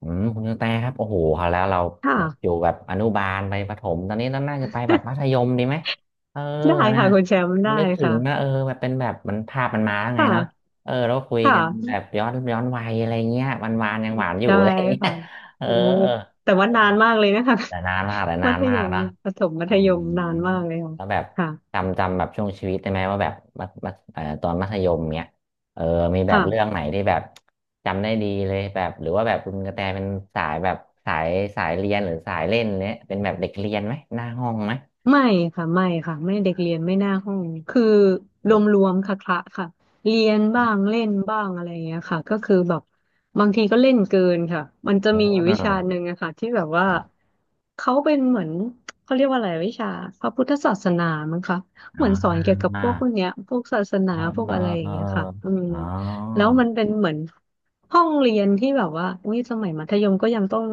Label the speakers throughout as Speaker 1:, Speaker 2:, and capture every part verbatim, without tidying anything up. Speaker 1: อืมคุณกระแตครับโอ้โหคราวแล้วเราแบบอ
Speaker 2: ค่ะ
Speaker 1: ยู่แบบอนุบาลไปประถมตอนนี้เราน่าจะไปแบบมัธ ยมดีไหมเออ
Speaker 2: ได้
Speaker 1: นะ
Speaker 2: ค่ะคุณแชมป์ได้
Speaker 1: นึกถึงนะเออ
Speaker 2: ค่ะ
Speaker 1: แบบเป็นแบบมันภาพมันมาแล้วไง
Speaker 2: ค่ะ
Speaker 1: เนาะเออเราคุย
Speaker 2: ค
Speaker 1: กันแบ
Speaker 2: ่ะ
Speaker 1: บย้อนย้อนวัยอะไรเงี้ยวันวานยังหวานอยู่
Speaker 2: ใช่
Speaker 1: อะไรเงี้ย
Speaker 2: ค่ะ
Speaker 1: เออ
Speaker 2: โอ้แต่ว่านานมากเลยนะคะ
Speaker 1: แต่นานมากแต่
Speaker 2: มั
Speaker 1: นาน
Speaker 2: ธ
Speaker 1: มา
Speaker 2: ย
Speaker 1: ก
Speaker 2: ม
Speaker 1: นะ
Speaker 2: ประถมมั
Speaker 1: อื
Speaker 2: ธย
Speaker 1: ม
Speaker 2: มนานมากเลยค่ะ
Speaker 1: แล้วแบบ
Speaker 2: ค่ะ
Speaker 1: จำจำแบบช่วงชีวิตได้ไหมว่าแบบมัธมัธเอ่อตอนมัธยมเนี้ยเออมีแบบ
Speaker 2: ค่ะ
Speaker 1: เรื่องไหนที่แบบจำได้ดีเลยแบบหรือว่าแบบคุณกระแตเป็นสายแบบสายสายเรียนหรือสายเล่นเนี้ยเป็นแบบเด็กเรียนไหมหน้าห้องไหม
Speaker 2: ไม่ค่ะไม่ค่ะไม่เด็กเรียนไม่หน้าห้องคือ
Speaker 1: อื
Speaker 2: รวมร
Speaker 1: ม
Speaker 2: วมค่ะคละค่ะเรียนบ้างเล่นบ้างอะไรอย่างเงี้ยค่ะก็คือแบบบางทีก็เล่นเกินค่ะมันจะ
Speaker 1: อื
Speaker 2: มีอยู่วิชาห
Speaker 1: ม
Speaker 2: นึ่งอะค่ะที่แบบว่า
Speaker 1: ครับ
Speaker 2: เขาเป็นเหมือนเขาเรียกว่าอะไรวิชาพระพุทธศาสนามั้งคะ
Speaker 1: อ๋
Speaker 2: เหมือนสอนเกี่ยวกับพ
Speaker 1: า
Speaker 2: วกพวกเนี้ยพวกศาสนา
Speaker 1: เออ
Speaker 2: พวก
Speaker 1: เออ
Speaker 2: อะไรอ
Speaker 1: เอ
Speaker 2: ย่าง
Speaker 1: อ
Speaker 2: เงี้ยค่ะอืม
Speaker 1: เอออ๋อ
Speaker 2: แล้วมันเป็นเหมือน ห้องเรียนที่แบบว่าอุ้ยสมัยมัธยมก็ยังต้อง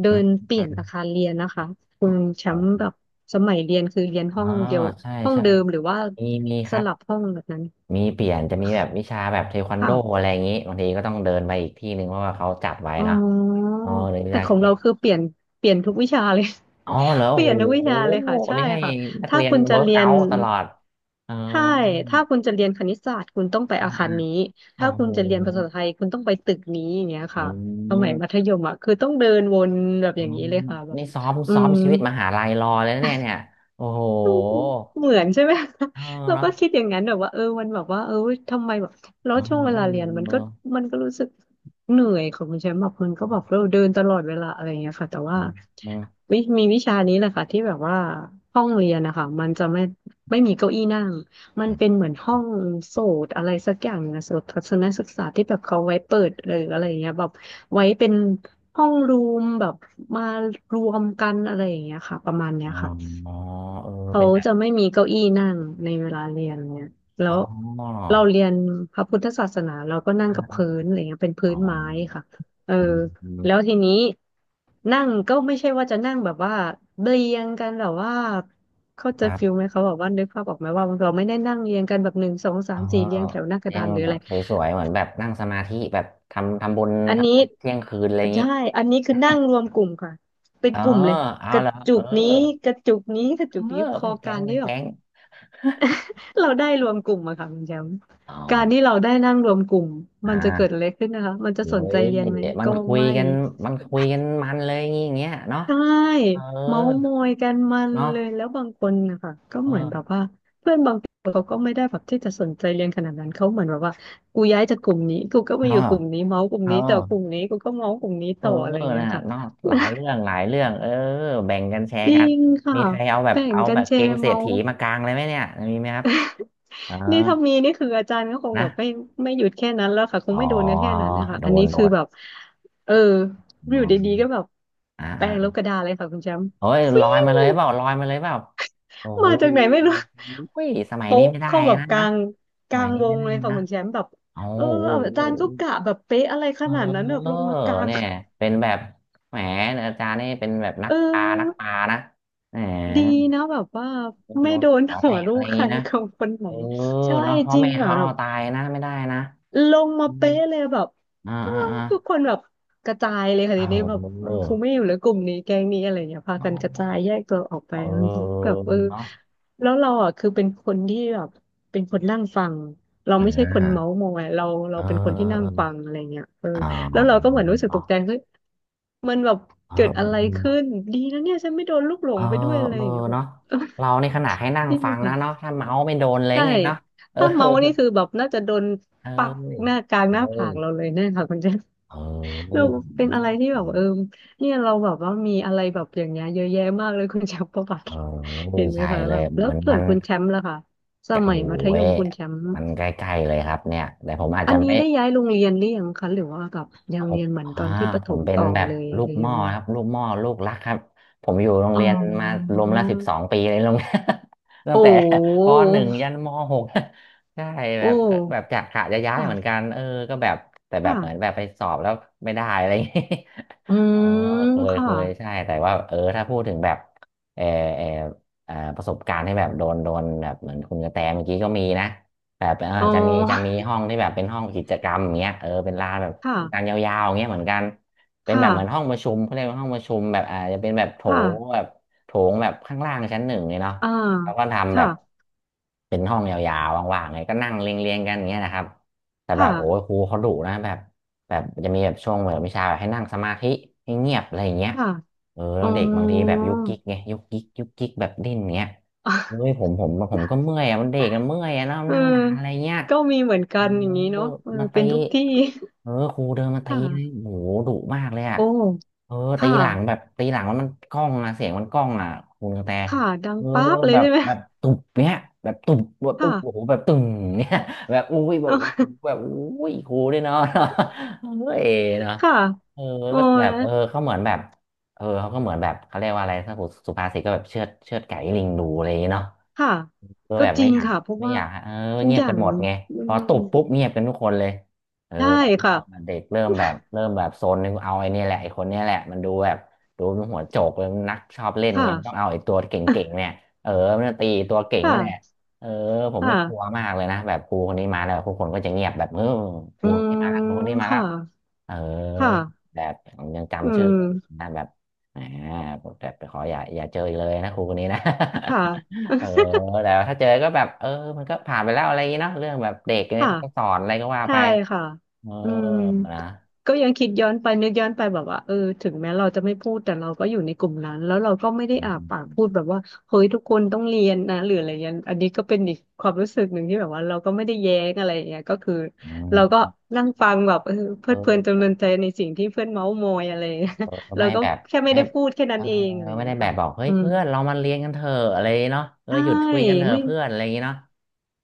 Speaker 2: เดิ
Speaker 1: อื
Speaker 2: น
Speaker 1: ม
Speaker 2: เปลี่ยนอาคารเรียนนะคะ คุณแชมป์แบบสมัยเรียนคือเรียน
Speaker 1: อ๋อ
Speaker 2: ห้องเดียว
Speaker 1: ใช่
Speaker 2: ห้อง
Speaker 1: ใช่
Speaker 2: เดิมหรือว่า
Speaker 1: มีมีค
Speaker 2: ส
Speaker 1: รับ
Speaker 2: ลับห้องแบบนั้น
Speaker 1: มีเปลี่ยนจะมีแบบวิชาแบบเทควันโด
Speaker 2: ค่ะ
Speaker 1: อะไรอย่างนี้บางทีก็ต้องเดินไปอีกที่หนึ่งเพราะว่าเขาจัดไว้
Speaker 2: อ๋
Speaker 1: เนาะ
Speaker 2: อ
Speaker 1: เออเรียนวิ
Speaker 2: แต่
Speaker 1: ชา
Speaker 2: ของเราคือเปลี่ยนเปลี่ยนทุกวิชาเลย
Speaker 1: อ๋อเหรอ
Speaker 2: เปลี่ย
Speaker 1: โอ้
Speaker 2: นทุกวิ
Speaker 1: โห
Speaker 2: ชาเลยค่ะใช่
Speaker 1: นี่ให้
Speaker 2: ค่ะ
Speaker 1: นัก
Speaker 2: ถ้า
Speaker 1: เรียน
Speaker 2: คุณจะ
Speaker 1: เวิร์ก
Speaker 2: เรีย
Speaker 1: เอา
Speaker 2: น
Speaker 1: ท์ตลอดเออ
Speaker 2: ใช่ถ้าคุณจะเรียนคณิตศาสตร์คุณต้องไป
Speaker 1: อ่า
Speaker 2: อาคา
Speaker 1: อ่า
Speaker 2: รนี้
Speaker 1: โอ้
Speaker 2: ถ้า
Speaker 1: โห
Speaker 2: คุณจะเรียนภาษาไทยคุณต้องไปตึกนี้อย่างเงี้ย
Speaker 1: อื
Speaker 2: ค่ะสมัยมัธ
Speaker 1: ม
Speaker 2: ยมอ่ะคือต้องเดินวนแบบ
Speaker 1: อื
Speaker 2: อย่างนี้
Speaker 1: ม
Speaker 2: เลยค่ะแบบ
Speaker 1: นี่ซ้อม
Speaker 2: อื
Speaker 1: ซ้อม
Speaker 2: ม
Speaker 1: ชีวิตมหาลัยรอเลยนะเนี่ยเนี่ยโอ้โห
Speaker 2: เหมือนใช่ไหม
Speaker 1: เออ
Speaker 2: เรา
Speaker 1: เนาะ
Speaker 2: ก็คิดอย่างนั้นแบบว่าเออมันแบบว่าเออทำไมแบบแล้ว
Speaker 1: อ๋อ
Speaker 2: ช่วงเว
Speaker 1: เออ
Speaker 2: ลาเรียนมัน
Speaker 1: เออ
Speaker 2: ก็มันก็รู้สึกเหนื่อยของคุณแชมป์แบบมันก็
Speaker 1: อื
Speaker 2: แบบ
Speaker 1: ม
Speaker 2: เราเดินตลอดเวลาอะไรอย่างเงี้ยค่ะแต่
Speaker 1: อื
Speaker 2: ว่า
Speaker 1: ม
Speaker 2: วิมีวิชานี้แหละค่ะที่แบบว่าห้องเรียนนะคะมันจะไม่ไม่มีเก้าอี้นั่งมัน
Speaker 1: อืม
Speaker 2: เป็นเหมือนห้องโสตอะไรสักอย่างนะโสตทัศนศึกษาที่แบบเขาไว้เปิดหรืออะไรอย่างเงี้ยแบบไว้เป็นห้องรูมแบบมารวมกันอะไรอย่างเงี้ยค่ะประมาณเนี้ย
Speaker 1: อ
Speaker 2: ค่ะ
Speaker 1: ๋อเออ
Speaker 2: เขา
Speaker 1: เป็นแบบ
Speaker 2: จะไม่มีเก้าอี้นั่งในเวลาเรียนเนี่ยแล้
Speaker 1: อ๋อ
Speaker 2: วเราเรียนพระพุทธศาสนาเราก็นั่งกับพื้นอะไรเงี้ยเป็นพื้
Speaker 1: อ๋อ
Speaker 2: นไม้ค่ะเออ
Speaker 1: อื
Speaker 2: แล้ว
Speaker 1: ม
Speaker 2: ทีนี้นั่งก็ไม่ใช่ว่าจะนั่งแบบว่าเรียงกันแบบว่าเขา
Speaker 1: ค
Speaker 2: ใจะ
Speaker 1: รั
Speaker 2: ฟิล
Speaker 1: บ
Speaker 2: ไหมเขาบอกว่านึกภาพออกไหมว่าเราไม่ได้นั่งเรียงกันแบบหนึ่งสองสา
Speaker 1: อ๋อ
Speaker 2: มสี่เรียงแถวหน้ากระ
Speaker 1: เที่ย
Speaker 2: ดา
Speaker 1: ง
Speaker 2: นหรืออะไร
Speaker 1: สวยๆเหมือนแบบนั่งสมาธิแบบทำทำบุญ
Speaker 2: อัน
Speaker 1: ทำบุ
Speaker 2: นี้
Speaker 1: ญเที่ยงคืนอะไรอย่างนี้
Speaker 2: ใช่อันนี้คือนั่ง รวมกลุ่มค่ะเป็น
Speaker 1: อ๋อ
Speaker 2: กลุ่มเลย
Speaker 1: เอา
Speaker 2: กระ
Speaker 1: ละ
Speaker 2: จุ
Speaker 1: เออ
Speaker 2: กนี้กระจุกนี้กระ
Speaker 1: เอ
Speaker 2: จุกนี้
Speaker 1: อ
Speaker 2: พ
Speaker 1: มั
Speaker 2: อ
Speaker 1: นแก๊
Speaker 2: กา
Speaker 1: ง
Speaker 2: ร
Speaker 1: มั
Speaker 2: ที่
Speaker 1: น
Speaker 2: แบบ
Speaker 1: แก๊ง
Speaker 2: เราได้รวมกลุ่มอะค่ะคุณแชมป์
Speaker 1: อ๋อ
Speaker 2: การที่เราได้นั่งรวมกลุ่ม
Speaker 1: อ
Speaker 2: มันจะเกิด
Speaker 1: ่า
Speaker 2: อะไรขึ้นนะคะ มันจะ
Speaker 1: โอ้
Speaker 2: สนใจ
Speaker 1: ย
Speaker 2: เรียนไหม
Speaker 1: มัน
Speaker 2: ก็
Speaker 1: คุย
Speaker 2: ไม่
Speaker 1: กันมันคุยกันมันเลยอย่างงี้อย่างเงี้ยเนาะ
Speaker 2: ใช่
Speaker 1: เออ
Speaker 2: เมาส์มอยกันมัน
Speaker 1: เนาะ
Speaker 2: เลยแล้วบางคนนะคะก็เหมือนแบบ
Speaker 1: เออ
Speaker 2: ว่าเพื่อนบางคนเขาก็ไม่ได้แบบที่จะสนใจเรียนขนาดนั้นเขาเหมือนแบบว่ากูย้ายจากกลุ่มนี้กูก็มาอ
Speaker 1: เนาะ
Speaker 2: ยู่กลุ่มนี้เมาส์กลุ่ม
Speaker 1: เออ
Speaker 2: นี้แต่กลุ่มนี้กูก็เมาส์กลุ่มนี้
Speaker 1: เออ
Speaker 2: ต่ออะไรอย่างเงี้ย
Speaker 1: นะ
Speaker 2: ค่ะ
Speaker 1: เนาะหลายเรื่องหลายเรื่องเออแบ่งกันแช
Speaker 2: จ
Speaker 1: ร์
Speaker 2: ริ
Speaker 1: กัน
Speaker 2: งค่ะ
Speaker 1: มีใครเอาแบบ
Speaker 2: แบ่ง
Speaker 1: เอา
Speaker 2: กั
Speaker 1: แบ
Speaker 2: น
Speaker 1: บ
Speaker 2: แช
Speaker 1: เกม
Speaker 2: ร์
Speaker 1: เศรษ
Speaker 2: เมา
Speaker 1: ฐี
Speaker 2: ส์
Speaker 1: มากลางเลยไหมเนี่ยมีไหมครับเออ
Speaker 2: นี่ถ้ามีนี่คืออาจารย์ก็คงแบ
Speaker 1: นะ
Speaker 2: บไม่ไม่หยุดแค่นั้นแล้วค่ะคง
Speaker 1: อ๋อ
Speaker 2: ไม่โดนกันแค่นั้นนะคะ
Speaker 1: โด
Speaker 2: อันนี้
Speaker 1: นโด
Speaker 2: คือ
Speaker 1: น
Speaker 2: แบบเอออ
Speaker 1: อ๋อ
Speaker 2: ยู่ดีๆก็แบบ
Speaker 1: อ่า
Speaker 2: แปล
Speaker 1: อ่า
Speaker 2: งลบกระดาษเลยค่ะคุณแชมป์
Speaker 1: เฮ้ย
Speaker 2: ฟิ
Speaker 1: ลอยมาเลย
Speaker 2: ว
Speaker 1: เปล่าลอยมาเลยเปล่าโอ้โห
Speaker 2: มาจากไหนไม่รู้
Speaker 1: อุ้ยสมัยนี้
Speaker 2: โป๊ะ
Speaker 1: ไม่ได้
Speaker 2: เข้าแบบ
Speaker 1: นะ
Speaker 2: กลา
Speaker 1: นะ
Speaker 2: ง
Speaker 1: ส
Speaker 2: กลา
Speaker 1: มัย
Speaker 2: ง
Speaker 1: นี้
Speaker 2: ว
Speaker 1: ไม่
Speaker 2: ง
Speaker 1: ได้
Speaker 2: เลยค่ะ
Speaker 1: นะ
Speaker 2: คุณแชมป์แบบ
Speaker 1: โอ้
Speaker 2: เออ
Speaker 1: โ
Speaker 2: อา
Speaker 1: ห
Speaker 2: จารย์ก็กะแบบเป๊ะอะไรข
Speaker 1: เ
Speaker 2: นาดนั้นแบบ
Speaker 1: ออ
Speaker 2: ลงมากลาง
Speaker 1: เนี่ยเป็นแบบแหมอาจารย์นี่เป็นแบบนัก
Speaker 2: เอ
Speaker 1: ปลานัก
Speaker 2: อ
Speaker 1: ปลานะแหม
Speaker 2: ดีนะแบบว่า
Speaker 1: ไป
Speaker 2: ไม่
Speaker 1: โดน
Speaker 2: โดน
Speaker 1: หัวแต
Speaker 2: หัว
Speaker 1: ก
Speaker 2: ลู
Speaker 1: อะไร
Speaker 2: ก
Speaker 1: อย่า
Speaker 2: ใค
Speaker 1: ง
Speaker 2: ร
Speaker 1: นี้ นะ
Speaker 2: ของคนไหน
Speaker 1: เออ
Speaker 2: ใช่
Speaker 1: เนาะพ่อ
Speaker 2: จริง
Speaker 1: แม่
Speaker 2: เหรอ
Speaker 1: เขาเอาตายนะไม่ได้นะ
Speaker 2: ลงมา
Speaker 1: อืม
Speaker 2: เป๊ะเลยแบบ
Speaker 1: อ่า
Speaker 2: อ้า
Speaker 1: อ่า
Speaker 2: ว
Speaker 1: อ่า
Speaker 2: ทุกคนแบบกระจายเลยค่ะ
Speaker 1: เ
Speaker 2: ทีนี้แบบเออ
Speaker 1: ออ
Speaker 2: กูไม่อยู่แล้วกลุ่มนี้แก๊งนี้อะไรเงี้ยพา
Speaker 1: เอ
Speaker 2: กันกระจาย
Speaker 1: อ
Speaker 2: แยกตัวออกไป
Speaker 1: เออ
Speaker 2: แบบเออ
Speaker 1: เนาะ
Speaker 2: แล้วเราอ่ะคือเป็นคนที่แบบเป็นคนนั่งฟังเรา
Speaker 1: อ่า
Speaker 2: ไม่ใช่คนเมาส์มอยเรา
Speaker 1: เอ
Speaker 2: เรา
Speaker 1: อ
Speaker 2: เป็นคนที่นั่
Speaker 1: เอ
Speaker 2: งฟัง
Speaker 1: อ
Speaker 2: อะไรเงี้ยเออ
Speaker 1: เ
Speaker 2: แล้ว
Speaker 1: ออ
Speaker 2: เราก็เหมือนรู้สึก
Speaker 1: อ๋
Speaker 2: ตกใจ
Speaker 1: อ
Speaker 2: เฮ้ยมันแบบ
Speaker 1: เออ
Speaker 2: เกิดอะ
Speaker 1: เอ
Speaker 2: ไรขึ้น
Speaker 1: อ
Speaker 2: ดีนะเนี่ยฉันไม่โดนลูกหล
Speaker 1: เอ
Speaker 2: ง
Speaker 1: อ
Speaker 2: ไปด้วยอะไร
Speaker 1: เอ
Speaker 2: อ
Speaker 1: อ
Speaker 2: ย่างเงี้ยแบบ
Speaker 1: เนาะเรานี่ขนาดให้นั่งฟังนะเนาะ ถ้าเมาส์ไม่โดนเลย
Speaker 2: ใช่
Speaker 1: ไงเนาะเออ
Speaker 2: ถ้าเมาสนี่คือแบบน่าจะโดน
Speaker 1: เอ้
Speaker 2: ปัก
Speaker 1: ย
Speaker 2: หน้ากลาง
Speaker 1: เอ้
Speaker 2: หน้าผา
Speaker 1: ย
Speaker 2: กเราเลยแน่ค่ะคุณเจน
Speaker 1: เออ
Speaker 2: เราเป็นอะ
Speaker 1: นี่
Speaker 2: ไรที่แบบเออเนี่ยเราแบบว่ามีอะไรแบบอย่างเงี้ยเยอะแยะมากเลยคุณแชมป์ประวัติ
Speaker 1: เอ อ
Speaker 2: เห็นไหม
Speaker 1: ใช่
Speaker 2: คะ
Speaker 1: เล
Speaker 2: แบ
Speaker 1: ย
Speaker 2: บแล้ว
Speaker 1: มัน
Speaker 2: ส่
Speaker 1: มั
Speaker 2: วน
Speaker 1: น
Speaker 2: คุณแชมป์ล่ะค่ะส
Speaker 1: โอ้
Speaker 2: มัยมัธย
Speaker 1: ย
Speaker 2: มคุณแชมป์
Speaker 1: มันใกล้ๆเลยครับเนี่ย แต่ผมอาจ
Speaker 2: อั
Speaker 1: จะ
Speaker 2: นนี้
Speaker 1: ไม่
Speaker 2: ได้ย้ายโรงเรียนหรือยังคะหรือว่าแบบยั
Speaker 1: ผ
Speaker 2: ง
Speaker 1: ม
Speaker 2: เรียนเหมือนต
Speaker 1: อ่า
Speaker 2: อนที่ประ
Speaker 1: ผ
Speaker 2: ถ
Speaker 1: ม
Speaker 2: ม
Speaker 1: เป็น
Speaker 2: ต่อ
Speaker 1: แบบ
Speaker 2: เลย
Speaker 1: ลู
Speaker 2: ห
Speaker 1: ก
Speaker 2: รือ
Speaker 1: ห
Speaker 2: ยั
Speaker 1: ม้อ
Speaker 2: งมี
Speaker 1: ครับลูกหม้อลูกรักครับ ผมอยู่โรง
Speaker 2: อ๋
Speaker 1: เรียนมา
Speaker 2: อ
Speaker 1: รวมละสิบสองปีเลยโรงเรียน ตั้
Speaker 2: โอ
Speaker 1: งแต่ป
Speaker 2: ้
Speaker 1: หนึ่งยันมหก ใช่แบ
Speaker 2: โอ้
Speaker 1: บก็แบบจะกะจะย้ายเหมือนกั
Speaker 2: ค่ะ
Speaker 1: นเออก็แบบแต่แบบ
Speaker 2: ค่ะ
Speaker 1: เหมือนแบบไปสอบแล้วไม่ได้อะไรอย่างงี้
Speaker 2: อื
Speaker 1: เออ
Speaker 2: ม
Speaker 1: เคย
Speaker 2: ค่ะ
Speaker 1: เคยใช่แต่ว่าเออถ้าพูดถึงแบบเออเอออ่าประสบการณ์ที่แบบโดนโดนแบบเหมือนคุณกระแตเมื่อกี้ก็มีนะแบบเออ
Speaker 2: อ๋อ
Speaker 1: จะมีจะมีห้องที่แบบเป็นห้องกิจกรรมอย่างเงี้ยเออเป็นลานแบบกาง
Speaker 2: ค่ะ
Speaker 1: ยาวๆอย่างเงี้ยเหมือนกันเป็น
Speaker 2: ค่ะ
Speaker 1: แบบเหมือนห้องประชุมเขาเรียกว่าห้องประชุมแบบอาจจะเป็นแบบโถ
Speaker 2: ค่ะ
Speaker 1: งแบบโถงแบบข้างล่างชั้นหนึ่งเลยเนาะ
Speaker 2: อ่า
Speaker 1: แล้วก็ทำแบ
Speaker 2: ค่ะ
Speaker 1: บเป็นห้องยาวๆว่างๆไงก็นั่งเรียงๆกันอย่างเงี้ยนะครับแต่แบบโอ้ย
Speaker 2: ค่ะ
Speaker 1: ครูเขาดุนะแบบ แบบจะมีแบบช่วงแบบวิชาแบบให้นั่งสมาธิให้เงียบอะไรอย่างเงี้ย
Speaker 2: ค่ะ
Speaker 1: เออแล้
Speaker 2: อ๋อ
Speaker 1: วเด็กบางทีแบบยุกยิกไงยุกยิกยุกยิกแบบดิ้นเงี้ยเฮ้ยผ มผมผมก็เมื่อยอะมันเด็กมันเมื่อยอะแล้ว
Speaker 2: เออ
Speaker 1: นั่งนานอะไรเงี้ย
Speaker 2: ก็มีเหมือน
Speaker 1: อ๋
Speaker 2: กั
Speaker 1: อ
Speaker 2: นอย่างนี้เนาะเออ
Speaker 1: มา
Speaker 2: เป็
Speaker 1: ตี
Speaker 2: นทุกที่
Speaker 1: เออครูเดินมา ตีเลย
Speaker 2: ค่ะ
Speaker 1: โหดุมากเลยอ่ะ
Speaker 2: โอ้
Speaker 1: เออตี
Speaker 2: ค่ะ
Speaker 1: หลังแบบตีหลังมันมันกล้องอ่ะเสียงมันกล้องอ่ะคุูกระแต
Speaker 2: ค่ะดัง
Speaker 1: เออ
Speaker 2: ป๊าบเลย
Speaker 1: แบบ
Speaker 2: ใช่ไหม
Speaker 1: แบบตุบเนี้ยแบบตุบแบบ
Speaker 2: ค่ะ
Speaker 1: อุ๊บโอ้โหแบบตึงเนี้ยแบบอุ้ยแบ
Speaker 2: เอ
Speaker 1: บ
Speaker 2: อ
Speaker 1: อู้ แบบอุ้ยครูด้วยเนาะเออเนาะ
Speaker 2: ค่ะ
Speaker 1: เออ
Speaker 2: โอ้
Speaker 1: ก็แบ
Speaker 2: ย
Speaker 1: บเออเขาเหมือนแบบเออเขาก็เหมือนแบบเขาเรียกว่าอะไรถ้าสุภาษิตก็แบบเชือดเชือดไก่ให้ลิงดูอะไรอย่างเงี้ยเนาะ
Speaker 2: ค่ะ
Speaker 1: คือ
Speaker 2: ก็
Speaker 1: แบบ
Speaker 2: จ
Speaker 1: ไม่
Speaker 2: ริง
Speaker 1: อยาก
Speaker 2: ค่ะเพราะ
Speaker 1: ไม่
Speaker 2: ว่า
Speaker 1: อยากฮะเออ
Speaker 2: ทุก
Speaker 1: เงีย
Speaker 2: อ
Speaker 1: บ
Speaker 2: ย่า
Speaker 1: กัน
Speaker 2: ง
Speaker 1: หมดไง
Speaker 2: อื
Speaker 1: พอ
Speaker 2: ม
Speaker 1: ตุบปุ๊บเงียบกันทุกคนเลยเออ
Speaker 2: ได้
Speaker 1: แบบเริ่
Speaker 2: ค่ะ
Speaker 1: มเด็กเริ่มแบบเริ่มแบบโซนนึงเอาไอ้เนี่ยแหละไอ้คนเนี้ยแหละมันดูแบบดูมันหัวโจกเลยมันนักชอบเล่นไง
Speaker 2: ค่ะ
Speaker 1: มันต้องเอาไอ้ตัวเก่งๆเนี่ยเออมันจะตีตั วเก่ง
Speaker 2: ค่ะ
Speaker 1: นี่แหละเออผมไม่กลัว
Speaker 2: ค่ะ
Speaker 1: มากเลยนะแบบครูคนนี้มาแล้วทุกคนก็จะเงียบแบบเออครู
Speaker 2: อื
Speaker 1: คนนี้มาแล้วค
Speaker 2: ม
Speaker 1: รูคนนี้มาแล้ว
Speaker 2: ค่ะ
Speaker 1: เออ
Speaker 2: ค่ะ
Speaker 1: แบบผมยัง
Speaker 2: อื
Speaker 1: จำชื่อ
Speaker 2: ม
Speaker 1: นะแบบอ่าแบบขออย่าอย่าเจออีกเลยนะครูคนนี้นะ
Speaker 2: ค่ะ
Speaker 1: เออแต่ว่าถ้าเจอก็แบบเออมันก็ผ่านไปแล้วอะไรอย่างงี้เนาะเรื่องแบบเด็กเนี่ย
Speaker 2: ค่ะ
Speaker 1: เขาก็สอนอะไรก็ว่า
Speaker 2: ใช่
Speaker 1: ไป
Speaker 2: ค่ะ
Speaker 1: เออ
Speaker 2: อืม
Speaker 1: นะ
Speaker 2: ก็ยังคิดย้อนไปนึกย้อนไปแบบว่าเออถึงแม้เราจะไม่พูดแต่เราก็อยู่ในกลุ่มนั้นแล้วเราก็ไม่ได้อา
Speaker 1: อื
Speaker 2: ปาก
Speaker 1: ม
Speaker 2: พูดแบบว่าเฮ้ยทุกคนต้องเรียนนะหรืออะไรเงี้ยอันนี้ก็เป็นอีกความรู้สึกหนึ่งที่แบบว่าเราก็ไม่ได้แย้งอะไรอย่างเงี้ยก็คือ
Speaker 1: อื
Speaker 2: เรา
Speaker 1: ม
Speaker 2: ก็นั่งฟังแบบเออเพลิ
Speaker 1: เอ
Speaker 2: ดเพลินจำ
Speaker 1: อ
Speaker 2: เริญใจในสิ่งที่เพื่อนเม้าท์มอยอะไรอย่างเงี้ย
Speaker 1: เออ
Speaker 2: เรา
Speaker 1: ไม่
Speaker 2: ก็
Speaker 1: แบบ
Speaker 2: แค่ไม่
Speaker 1: ไม่
Speaker 2: ได้พูดแค่นั้
Speaker 1: เอ
Speaker 2: น
Speaker 1: อ
Speaker 2: เองอะไรอย่า
Speaker 1: ไม่
Speaker 2: งเงี้
Speaker 1: ได้
Speaker 2: ย
Speaker 1: แบ
Speaker 2: ค่ะ
Speaker 1: บบอกเฮ้ย
Speaker 2: อืม
Speaker 1: เพื่อนเรามาเรียนกันเถอะอะไรอย่างงี้เนาะเออ
Speaker 2: ใช่
Speaker 1: หยุดคุยกันเถอะ
Speaker 2: ไม่
Speaker 1: เพื่อนอะไรอย่างงี้เนาะ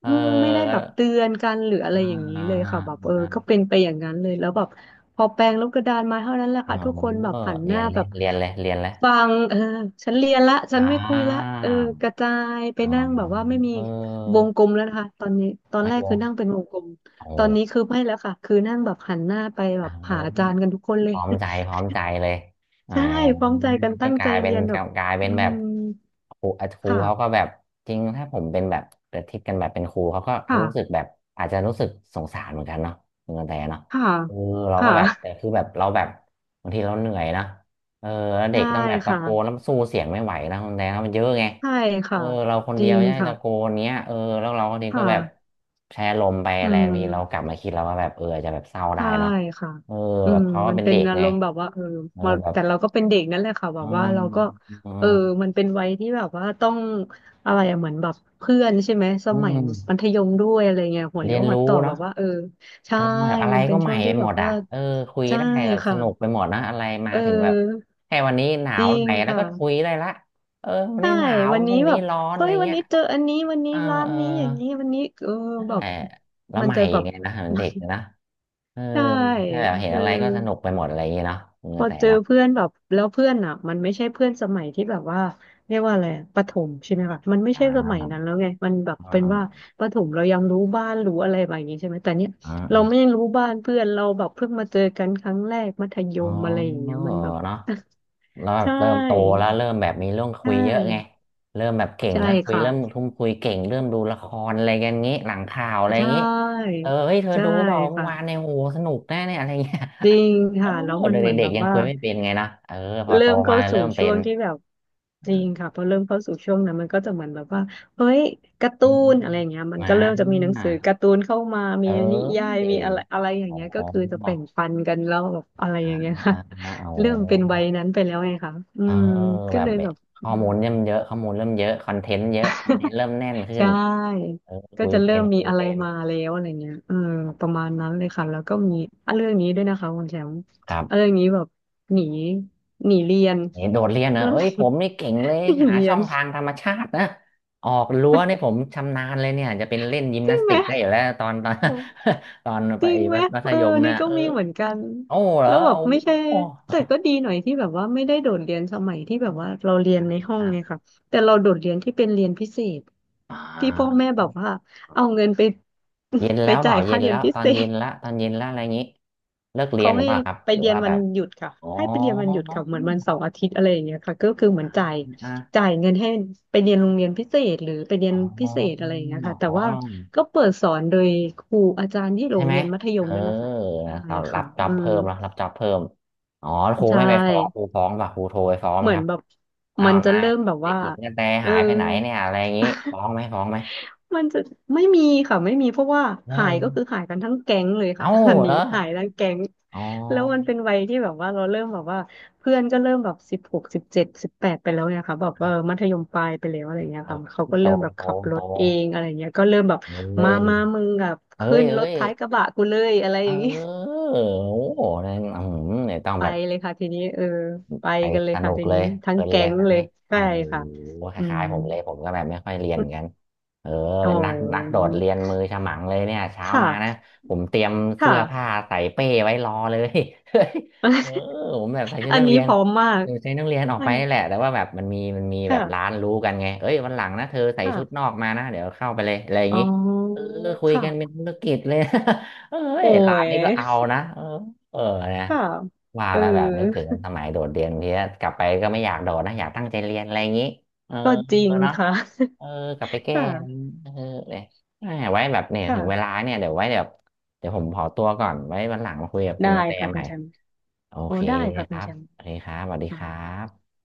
Speaker 1: เออ
Speaker 2: อืมไม่ได้
Speaker 1: ก็
Speaker 2: แบบเตือนกันหรืออะไร
Speaker 1: อ่า
Speaker 2: อย่างนี้
Speaker 1: อ่า
Speaker 2: เลยค่ะแบบเออ
Speaker 1: อ่า
Speaker 2: ก็เป็นไปอย่างนั้นเลยแล้วแบบพอแปลงลบกระดานมาเท่านั้นแหละ
Speaker 1: เอ
Speaker 2: ค่ะทุกคนแบบ
Speaker 1: อ
Speaker 2: หันห
Speaker 1: เรีย
Speaker 2: น้า
Speaker 1: นเล
Speaker 2: แบ
Speaker 1: ย
Speaker 2: บ
Speaker 1: เรียนเลยเรียนเลย
Speaker 2: ฟังเออฉันเรียนละฉั
Speaker 1: อ่
Speaker 2: นไม่คุยละ
Speaker 1: า
Speaker 2: เออกระจายไป
Speaker 1: อ๋อ
Speaker 2: นั่งแบบว่าไม่มี
Speaker 1: เอ
Speaker 2: ว
Speaker 1: อ
Speaker 2: งกลมแล้วนะคะตอนนี้ตอน
Speaker 1: ไม่
Speaker 2: แรก
Speaker 1: รู้
Speaker 2: คือนั่งเป็นวงกลมตอน
Speaker 1: โอ
Speaker 2: นี้คือไม่แล้วค่ะคือนั่งแบบหันหน้าไป
Speaker 1: ้ พ
Speaker 2: แบบหาอาจารย์กันทุกคนเลย
Speaker 1: ร้อมใจพร้อมใจเลย อ่า
Speaker 2: ใช่พร้อมใจกัน
Speaker 1: ก็
Speaker 2: ตั้ง
Speaker 1: ก
Speaker 2: ใจ
Speaker 1: ลายเป็
Speaker 2: เรี
Speaker 1: น
Speaker 2: ยนแบ
Speaker 1: ก
Speaker 2: บ
Speaker 1: ลายเป็
Speaker 2: อื
Speaker 1: นแบบ
Speaker 2: ม
Speaker 1: ครูอ่ะครู
Speaker 2: ค่ะ
Speaker 1: เขาก็แบบจริงถ้าผมเป็นแบบเปทิศกันแบบเป็นครูเขาก็รู้สึก
Speaker 2: ค่ะ
Speaker 1: แบบอาจจะรู้สึกสงสารเหมือนกันเนาะเหมือนกันแต่เนาะ
Speaker 2: ค่ะ
Speaker 1: เออเราก็
Speaker 2: ค่ะ
Speaker 1: แบบแต่คือแบบเราแบบบางทีเราเหนื่อยนะเออแล้วเด็
Speaker 2: ใช่
Speaker 1: กต้องแบบตะ
Speaker 2: ค่ะ
Speaker 1: โกนแล้วสู้เสียงไม่ไหวนะคุณแต่นะมันเยอะไง
Speaker 2: ใช่
Speaker 1: เอ
Speaker 2: ค่ะ
Speaker 1: อเราคน
Speaker 2: จ
Speaker 1: เดี
Speaker 2: ริ
Speaker 1: ยว
Speaker 2: ง
Speaker 1: จะให้
Speaker 2: ค่ะ
Speaker 1: ตะโกนเนี้ยเออแล้วเราคนนี้ก็
Speaker 2: ค่ะ
Speaker 1: แบบแพร่ลมไป
Speaker 2: อื
Speaker 1: แรงทีเรากลั
Speaker 2: ม
Speaker 1: บมาคิดเราว่าแบบเอออาจจะแบบเศร้าได้
Speaker 2: ใช่
Speaker 1: เนาะ
Speaker 2: ค่ะ
Speaker 1: เออ
Speaker 2: อื
Speaker 1: แบบ
Speaker 2: ม
Speaker 1: เขาก็
Speaker 2: มัน
Speaker 1: เป็น
Speaker 2: เป็น
Speaker 1: เด็ก
Speaker 2: อา
Speaker 1: ไง
Speaker 2: รมณ์แบบว่าเออ
Speaker 1: เออ
Speaker 2: มา
Speaker 1: แบบ
Speaker 2: แต่เราก็เป็นเด็กนั่นแหละค่ะแบ
Speaker 1: เออ
Speaker 2: บว่าเราก็
Speaker 1: เอ
Speaker 2: เออ
Speaker 1: อ
Speaker 2: มันเป็นวัยที่แบบว่าต้องอะไรอะเหมือนแบบเพื่อนใช่ไหมส
Speaker 1: อื
Speaker 2: มัยมั
Speaker 1: ม
Speaker 2: ธยมด้วยอะไรเงี้ยหัว
Speaker 1: เรี
Speaker 2: เลี้ย
Speaker 1: ย
Speaker 2: ว
Speaker 1: น
Speaker 2: หัว
Speaker 1: รู้
Speaker 2: ต่อแบ
Speaker 1: เนาะ
Speaker 2: บว่าเออใช่
Speaker 1: กำลังแบบอะไร
Speaker 2: มันเป็
Speaker 1: ก็
Speaker 2: น
Speaker 1: ให
Speaker 2: ช่
Speaker 1: ม่
Speaker 2: วง
Speaker 1: ไป
Speaker 2: ที่แบ
Speaker 1: หม
Speaker 2: บ
Speaker 1: ดอ่ะ
Speaker 2: ว่า
Speaker 1: เออคุย
Speaker 2: ใช่
Speaker 1: ได้แบบส
Speaker 2: ค่ะ
Speaker 1: นุกไปหมดนะอะไรมา
Speaker 2: เ
Speaker 1: ถึงแบบ
Speaker 2: ออ
Speaker 1: แค่วันนี้หนา
Speaker 2: จ
Speaker 1: ว
Speaker 2: ริ
Speaker 1: ห
Speaker 2: ง
Speaker 1: น่อยแล้วก็คุย
Speaker 2: ค่ะ
Speaker 1: ได้ละเออวัน
Speaker 2: ใช่
Speaker 1: นี้หนาว
Speaker 2: วัน
Speaker 1: พ
Speaker 2: นี้
Speaker 1: รุ่ง
Speaker 2: แบ
Speaker 1: นี้
Speaker 2: บ
Speaker 1: ร้อนอะ
Speaker 2: เฮ้
Speaker 1: ไร
Speaker 2: ยวัน
Speaker 1: เงี้ย
Speaker 2: นี้เจออันนี้วันนี้
Speaker 1: เออ
Speaker 2: ร้าน
Speaker 1: เออ
Speaker 2: นี้อย่างนี้วันนี้เออ
Speaker 1: ใช่
Speaker 2: แบบ
Speaker 1: แล้ ว
Speaker 2: มัน
Speaker 1: ใหม่
Speaker 2: จะแบบ
Speaker 1: ไงนะเหมือนเด็กนะเออ
Speaker 2: ใช่
Speaker 1: แค่แบบเห็น
Speaker 2: เออ
Speaker 1: อะไรก็สนุกไปหมดอะไรอย่างเงี้ยเนาะเออ
Speaker 2: พอ
Speaker 1: แต่
Speaker 2: เจอ
Speaker 1: เนาะ
Speaker 2: เพื่อนแบบแล้วเพื่อนอ่ะมันไม่ใช่เพื่อนสมัยที่แบบว่าเรียกว่าอะไรอะประถมใช่ไหมคะมันไม่
Speaker 1: อ่
Speaker 2: ใช่สมัยนั้น
Speaker 1: า
Speaker 2: แล้วไงมันแบบเป็นว่า
Speaker 1: อ่า
Speaker 2: ประถมเรายังรู้บ้านรู้อะไรแบบนี้ใช่ไหมแต่เนี้ย
Speaker 1: อ่า
Speaker 2: เรา
Speaker 1: อา
Speaker 2: ไม่รู้บ้านเพื่อนเราแบบเพิ่งมาเจอกันครั้งแรกมัธย
Speaker 1: อ๋อ
Speaker 2: มอะไรอย่างเงี้
Speaker 1: เนาะ
Speaker 2: ยมันแบบ
Speaker 1: แล้ว แบ
Speaker 2: ใช
Speaker 1: บเริ่มโต
Speaker 2: ่
Speaker 1: แล้วเริ่มแบบมีเรื่อง
Speaker 2: ใช
Speaker 1: คุยเยอะไง
Speaker 2: ่
Speaker 1: เริ่มแบบเก่ง
Speaker 2: ใช่
Speaker 1: นะคุย
Speaker 2: ค่ะ
Speaker 1: เริ่มทุ่มคุยเก่งเริ่มดูละครอะไรกันงี้หลังข่าวอะไร
Speaker 2: ใช่
Speaker 1: งี้เออเฮ้ยเธอ
Speaker 2: ใช่
Speaker 1: ดูเปล่าเมื่อ
Speaker 2: ค่ะ
Speaker 1: วานเนี่ยโอ้โหสนุกแน่เนี่ยอะไรเงี้ย
Speaker 2: จริง
Speaker 1: เออ
Speaker 2: ค่ะแล้วมันเหมือน
Speaker 1: เด็
Speaker 2: แบ
Speaker 1: ก
Speaker 2: บ
Speaker 1: ๆยัง
Speaker 2: ว่า
Speaker 1: คุยไม่เป็นไงนะเออพอโต
Speaker 2: เริ่ม
Speaker 1: มา
Speaker 2: เข้าสู่
Speaker 1: เริ่มเป็
Speaker 2: ช่ว
Speaker 1: น
Speaker 2: งที่แบบจริงค่ะ
Speaker 1: อ
Speaker 2: พอเริ่มเข้าสู่ช่วงนั้นมันก็จะเหมือนแบบว่าเฮ้ยการ์ตู
Speaker 1: ื
Speaker 2: นอะไร
Speaker 1: ม
Speaker 2: อย่างเงี้ย
Speaker 1: ๆ
Speaker 2: มัน
Speaker 1: อ่า
Speaker 2: ก็เริ่มจะมีหนังสือการ์ตูนเข้ามามี
Speaker 1: เอ
Speaker 2: นิยาย
Speaker 1: อ
Speaker 2: มีอะไรอะไรอย่าง
Speaker 1: อ๋
Speaker 2: เงี้ยก็
Speaker 1: อ
Speaker 2: คือจะแบ่งปันกันแล้วแบบอะไร
Speaker 1: อ่า
Speaker 2: อย่างเงี้ยค่ะ
Speaker 1: อ่าอ่าโอ้
Speaker 2: เริ่มเป็นวัยนั้นไปแล้วไงคะอื
Speaker 1: เออ
Speaker 2: มก็
Speaker 1: แบ
Speaker 2: เล
Speaker 1: บ
Speaker 2: ยแบบ
Speaker 1: ข้
Speaker 2: อื
Speaker 1: อ
Speaker 2: ม
Speaker 1: มูลเริ่มเยอะข้อมูลเริ่มเยอะคอนเทนต์เยอะคอนเทนต์เริ่มแน่นขึ้
Speaker 2: ใช
Speaker 1: น
Speaker 2: ่
Speaker 1: เออ
Speaker 2: ก็
Speaker 1: คุย
Speaker 2: จะ
Speaker 1: เป็
Speaker 2: เริ่
Speaker 1: น
Speaker 2: มมี
Speaker 1: คุย
Speaker 2: อะไร
Speaker 1: เป็น
Speaker 2: มาแล้วอะไรเงี้ยเออประมาณนั้นเลยค่ะแล้วก็มีอ่ะเรื่องนี้ด้วยนะคะคุณแชมป์
Speaker 1: ครั
Speaker 2: อ่ะ
Speaker 1: บ
Speaker 2: เรื่องนี้แบบหนีหนีเรียน
Speaker 1: นี่โดดเรียน นะ
Speaker 2: แล้ว
Speaker 1: เอ้ยผมนี่เก่งเลย
Speaker 2: หนี
Speaker 1: หา
Speaker 2: หนีเรี
Speaker 1: ช่
Speaker 2: ย
Speaker 1: อ
Speaker 2: น
Speaker 1: งทางธรรมชาตินะออกรั้วนี่ผมชำนาญเลยเนี่ยจะเป็นเล่นยิม
Speaker 2: จริ
Speaker 1: นา
Speaker 2: ง
Speaker 1: ส
Speaker 2: ไหม
Speaker 1: ติกได้อยู่แล้วตอน ตอน
Speaker 2: โอ้
Speaker 1: ตอนไป
Speaker 2: จริงไหม
Speaker 1: มัธ
Speaker 2: เออ
Speaker 1: ยม
Speaker 2: นี่
Speaker 1: นะ
Speaker 2: ก็
Speaker 1: เออ
Speaker 2: มีเหมือนกัน
Speaker 1: โอ้เหรอ
Speaker 2: แล้วแบบ
Speaker 1: โอ้
Speaker 2: ไม่ใช่
Speaker 1: โอ้
Speaker 2: แต่ก็ดีหน่อยที่แบบว่าไม่ได้โดดเรียนสมัยที่แบบว่าเราเรียนในห้องไง
Speaker 1: อ่า
Speaker 2: ค่ะแต่เราโดดเรียนที่เป็นเรียนพิเศษ
Speaker 1: อ่
Speaker 2: ที่พ่อ
Speaker 1: า
Speaker 2: แม่แบบว่าเอาเงินไป
Speaker 1: เย็น
Speaker 2: ไป
Speaker 1: แล้วเป
Speaker 2: จ่า
Speaker 1: ล่า
Speaker 2: ย
Speaker 1: เย็
Speaker 2: ค่า
Speaker 1: น
Speaker 2: เรีย
Speaker 1: แล้
Speaker 2: น
Speaker 1: ว
Speaker 2: พิ
Speaker 1: ตอ
Speaker 2: เศ
Speaker 1: นเย็
Speaker 2: ษ
Speaker 1: นละตอนเย็นละอะไรอย่างนี้เลิกเรีย
Speaker 2: เขา
Speaker 1: นหรือ
Speaker 2: ให้
Speaker 1: เปล่าครับ
Speaker 2: ไป
Speaker 1: หรือ
Speaker 2: เรียน
Speaker 1: ว่า
Speaker 2: วั
Speaker 1: แบ
Speaker 2: น
Speaker 1: บ
Speaker 2: หยุดค่ะ
Speaker 1: อ๋อ
Speaker 2: ให้ไปเรียนวันหยุดค่ะเหมือนวันเสาร์อาทิตย์อะไรอย่างเงี้ยค่ะก็คือเหมือนจ่าย
Speaker 1: อ่ะ
Speaker 2: จ่ายเงินให้ไปเรียนโรงเรียนพิเศษหรือไปเรียน
Speaker 1: อ๋อ
Speaker 2: พิเศษอะไรอย่างเงี้ย
Speaker 1: อ
Speaker 2: ค่ะแต่
Speaker 1: ๋อ
Speaker 2: ว่าก็เปิดสอนโดยครูอาจารย์ที่โร
Speaker 1: ใช่
Speaker 2: ง
Speaker 1: ไหม
Speaker 2: เรียนมัธย
Speaker 1: เอ
Speaker 2: ม
Speaker 1: อ
Speaker 2: นั่นแหละค่ะใช่
Speaker 1: นะครับรั
Speaker 2: ค่ะ
Speaker 1: บจ็อบ
Speaker 2: อืม
Speaker 1: เพิ่มแล้วรับจ็อบเพิ่มอ๋อครู
Speaker 2: ใช่
Speaker 1: ไม่ไปฟ้องครูฟ้องป่ะครูโทรไปฟ้องไห
Speaker 2: เห
Speaker 1: ม
Speaker 2: มือ
Speaker 1: ค
Speaker 2: น
Speaker 1: รับ
Speaker 2: แบบ
Speaker 1: อ้า
Speaker 2: มัน
Speaker 1: ว
Speaker 2: จะ
Speaker 1: นาย
Speaker 2: เริ่มแบบ
Speaker 1: เด็ก
Speaker 2: ว่า
Speaker 1: หญิงกระแต
Speaker 2: เออ
Speaker 1: หายไปไหนเนี่ยอะไรอย่างงี้ฟ้ องไหมฟ้องไหม
Speaker 2: มันจะไม่มีค่ะไม่มีเพราะว่าหายก็
Speaker 1: เออ
Speaker 2: คือหายกันทั้งแก๊งเลย
Speaker 1: เอ้า
Speaker 2: ค่ะ อัน
Speaker 1: เหร
Speaker 2: นี้
Speaker 1: อ
Speaker 2: หายทั้งแก๊ง
Speaker 1: อ๋อ
Speaker 2: แล้วมันเป็นวัยที่แบบว่าเราเริ่มแบบว่าเพื่อนก็เริ่มแบบสิบหกสิบเจ็ดสิบแปดไปแล้วเนี่ยค่ะแบบเออมัธยมปลายไปแล้วอะไรเงี้ย
Speaker 1: เออ
Speaker 2: ค่ะเขาก็
Speaker 1: โต
Speaker 2: เริ่มแบบ
Speaker 1: โต
Speaker 2: ขับร
Speaker 1: โต
Speaker 2: ถเองอะไรเงี้ยก็เริ่มแบบ
Speaker 1: เอ้ยเอ้
Speaker 2: มามามึงแบบขึ้
Speaker 1: ย
Speaker 2: นร
Speaker 1: เอ้
Speaker 2: ถ
Speaker 1: ย
Speaker 2: ท้ายกระบะกูเลยอะไร
Speaker 1: เ
Speaker 2: อย่างนี้
Speaker 1: ออโอ้โหนั่นอืมเนี่ยต้อง
Speaker 2: ไป
Speaker 1: แบบ
Speaker 2: เลยค่ะทีนี้เออไป
Speaker 1: ไป
Speaker 2: กันเล
Speaker 1: ส
Speaker 2: ย
Speaker 1: นุ
Speaker 2: ค่ะ
Speaker 1: ก
Speaker 2: ที
Speaker 1: เล
Speaker 2: นี้
Speaker 1: ย
Speaker 2: ทั้
Speaker 1: เพ
Speaker 2: ง
Speaker 1: ลิน
Speaker 2: แก๊
Speaker 1: เลย
Speaker 2: ง
Speaker 1: ครั้ง
Speaker 2: เล
Speaker 1: นี้
Speaker 2: ย
Speaker 1: โอ้
Speaker 2: ใช่
Speaker 1: โห
Speaker 2: ค่ะ
Speaker 1: ค
Speaker 2: อื
Speaker 1: ล้า
Speaker 2: ม
Speaker 1: ยๆผมเลยผมก็แบบไม่ค่อยเรียนเหมือนกันเออ
Speaker 2: อ๋อ
Speaker 1: เป็นนักนักโดดเรียนมือฉมังเลยเนี่ยเช้า
Speaker 2: ค
Speaker 1: มานะ
Speaker 2: ่ะ
Speaker 1: ผมเตรียมเสื้
Speaker 2: ค่ะ
Speaker 1: อผ้าใส่เป้ไว้รอเลย เออ ผมแบบใส่ชุด
Speaker 2: อัน
Speaker 1: นัก
Speaker 2: นี้
Speaker 1: เรีย
Speaker 2: พ
Speaker 1: น
Speaker 2: ร้อมมาก
Speaker 1: เออใส่นักเรียนออก
Speaker 2: อั
Speaker 1: ไป
Speaker 2: น
Speaker 1: นี่แหละแต่ว่าแบบมันมีมันมีแบบร้าน
Speaker 2: ค่ะ
Speaker 1: รู้กันไงเอ้ยวันหลังนะเธอใส่ชุดน
Speaker 2: ค่ะ
Speaker 1: อกมานะเดี๋ยวเข้าไปเลยอะไรอย่าง
Speaker 2: อ๋
Speaker 1: งี้
Speaker 2: อ
Speaker 1: เออคุยกันเป็น
Speaker 2: ค่ะ
Speaker 1: ธุรกิจเลย เอ้
Speaker 2: โอ้
Speaker 1: ยร้าน
Speaker 2: ย
Speaker 1: นี้ก็เอานะเออเออนะ
Speaker 2: ค่ะ
Speaker 1: ว่า
Speaker 2: เออ
Speaker 1: แล้วแบบนึกถึงสมัยโดดเรียนทีนี้ยกลับไปก็ไม่อยากโดดนะอยากตั้งใจเรียนอะไรอย่างนี้เออ
Speaker 2: ก็จริง
Speaker 1: เนาะ
Speaker 2: ค่ะ
Speaker 1: เออกลับไป แก้
Speaker 2: ค่ะ
Speaker 1: อะไรอย่างงี้เออเนี่ยแหม่ไว้แบบเนี่ยถึงเวลา
Speaker 2: ค่ะ
Speaker 1: เนี่ยเดี๋ยวไว้เดี๋ยวเดี๋ยวผมขอตัวก่อนไว้วันหลังมาคุยกับคุ
Speaker 2: ได้
Speaker 1: ณกระแต
Speaker 2: ค่ะ
Speaker 1: ให
Speaker 2: คุ
Speaker 1: ม่
Speaker 2: ณแชมป์
Speaker 1: โอ
Speaker 2: โอ้
Speaker 1: เค
Speaker 2: ได้ค่ะ
Speaker 1: ค
Speaker 2: คุ
Speaker 1: รั
Speaker 2: ณ
Speaker 1: บ
Speaker 2: แชมป์
Speaker 1: โอเคครับสวัสดีครั
Speaker 2: ค่ะ
Speaker 1: บ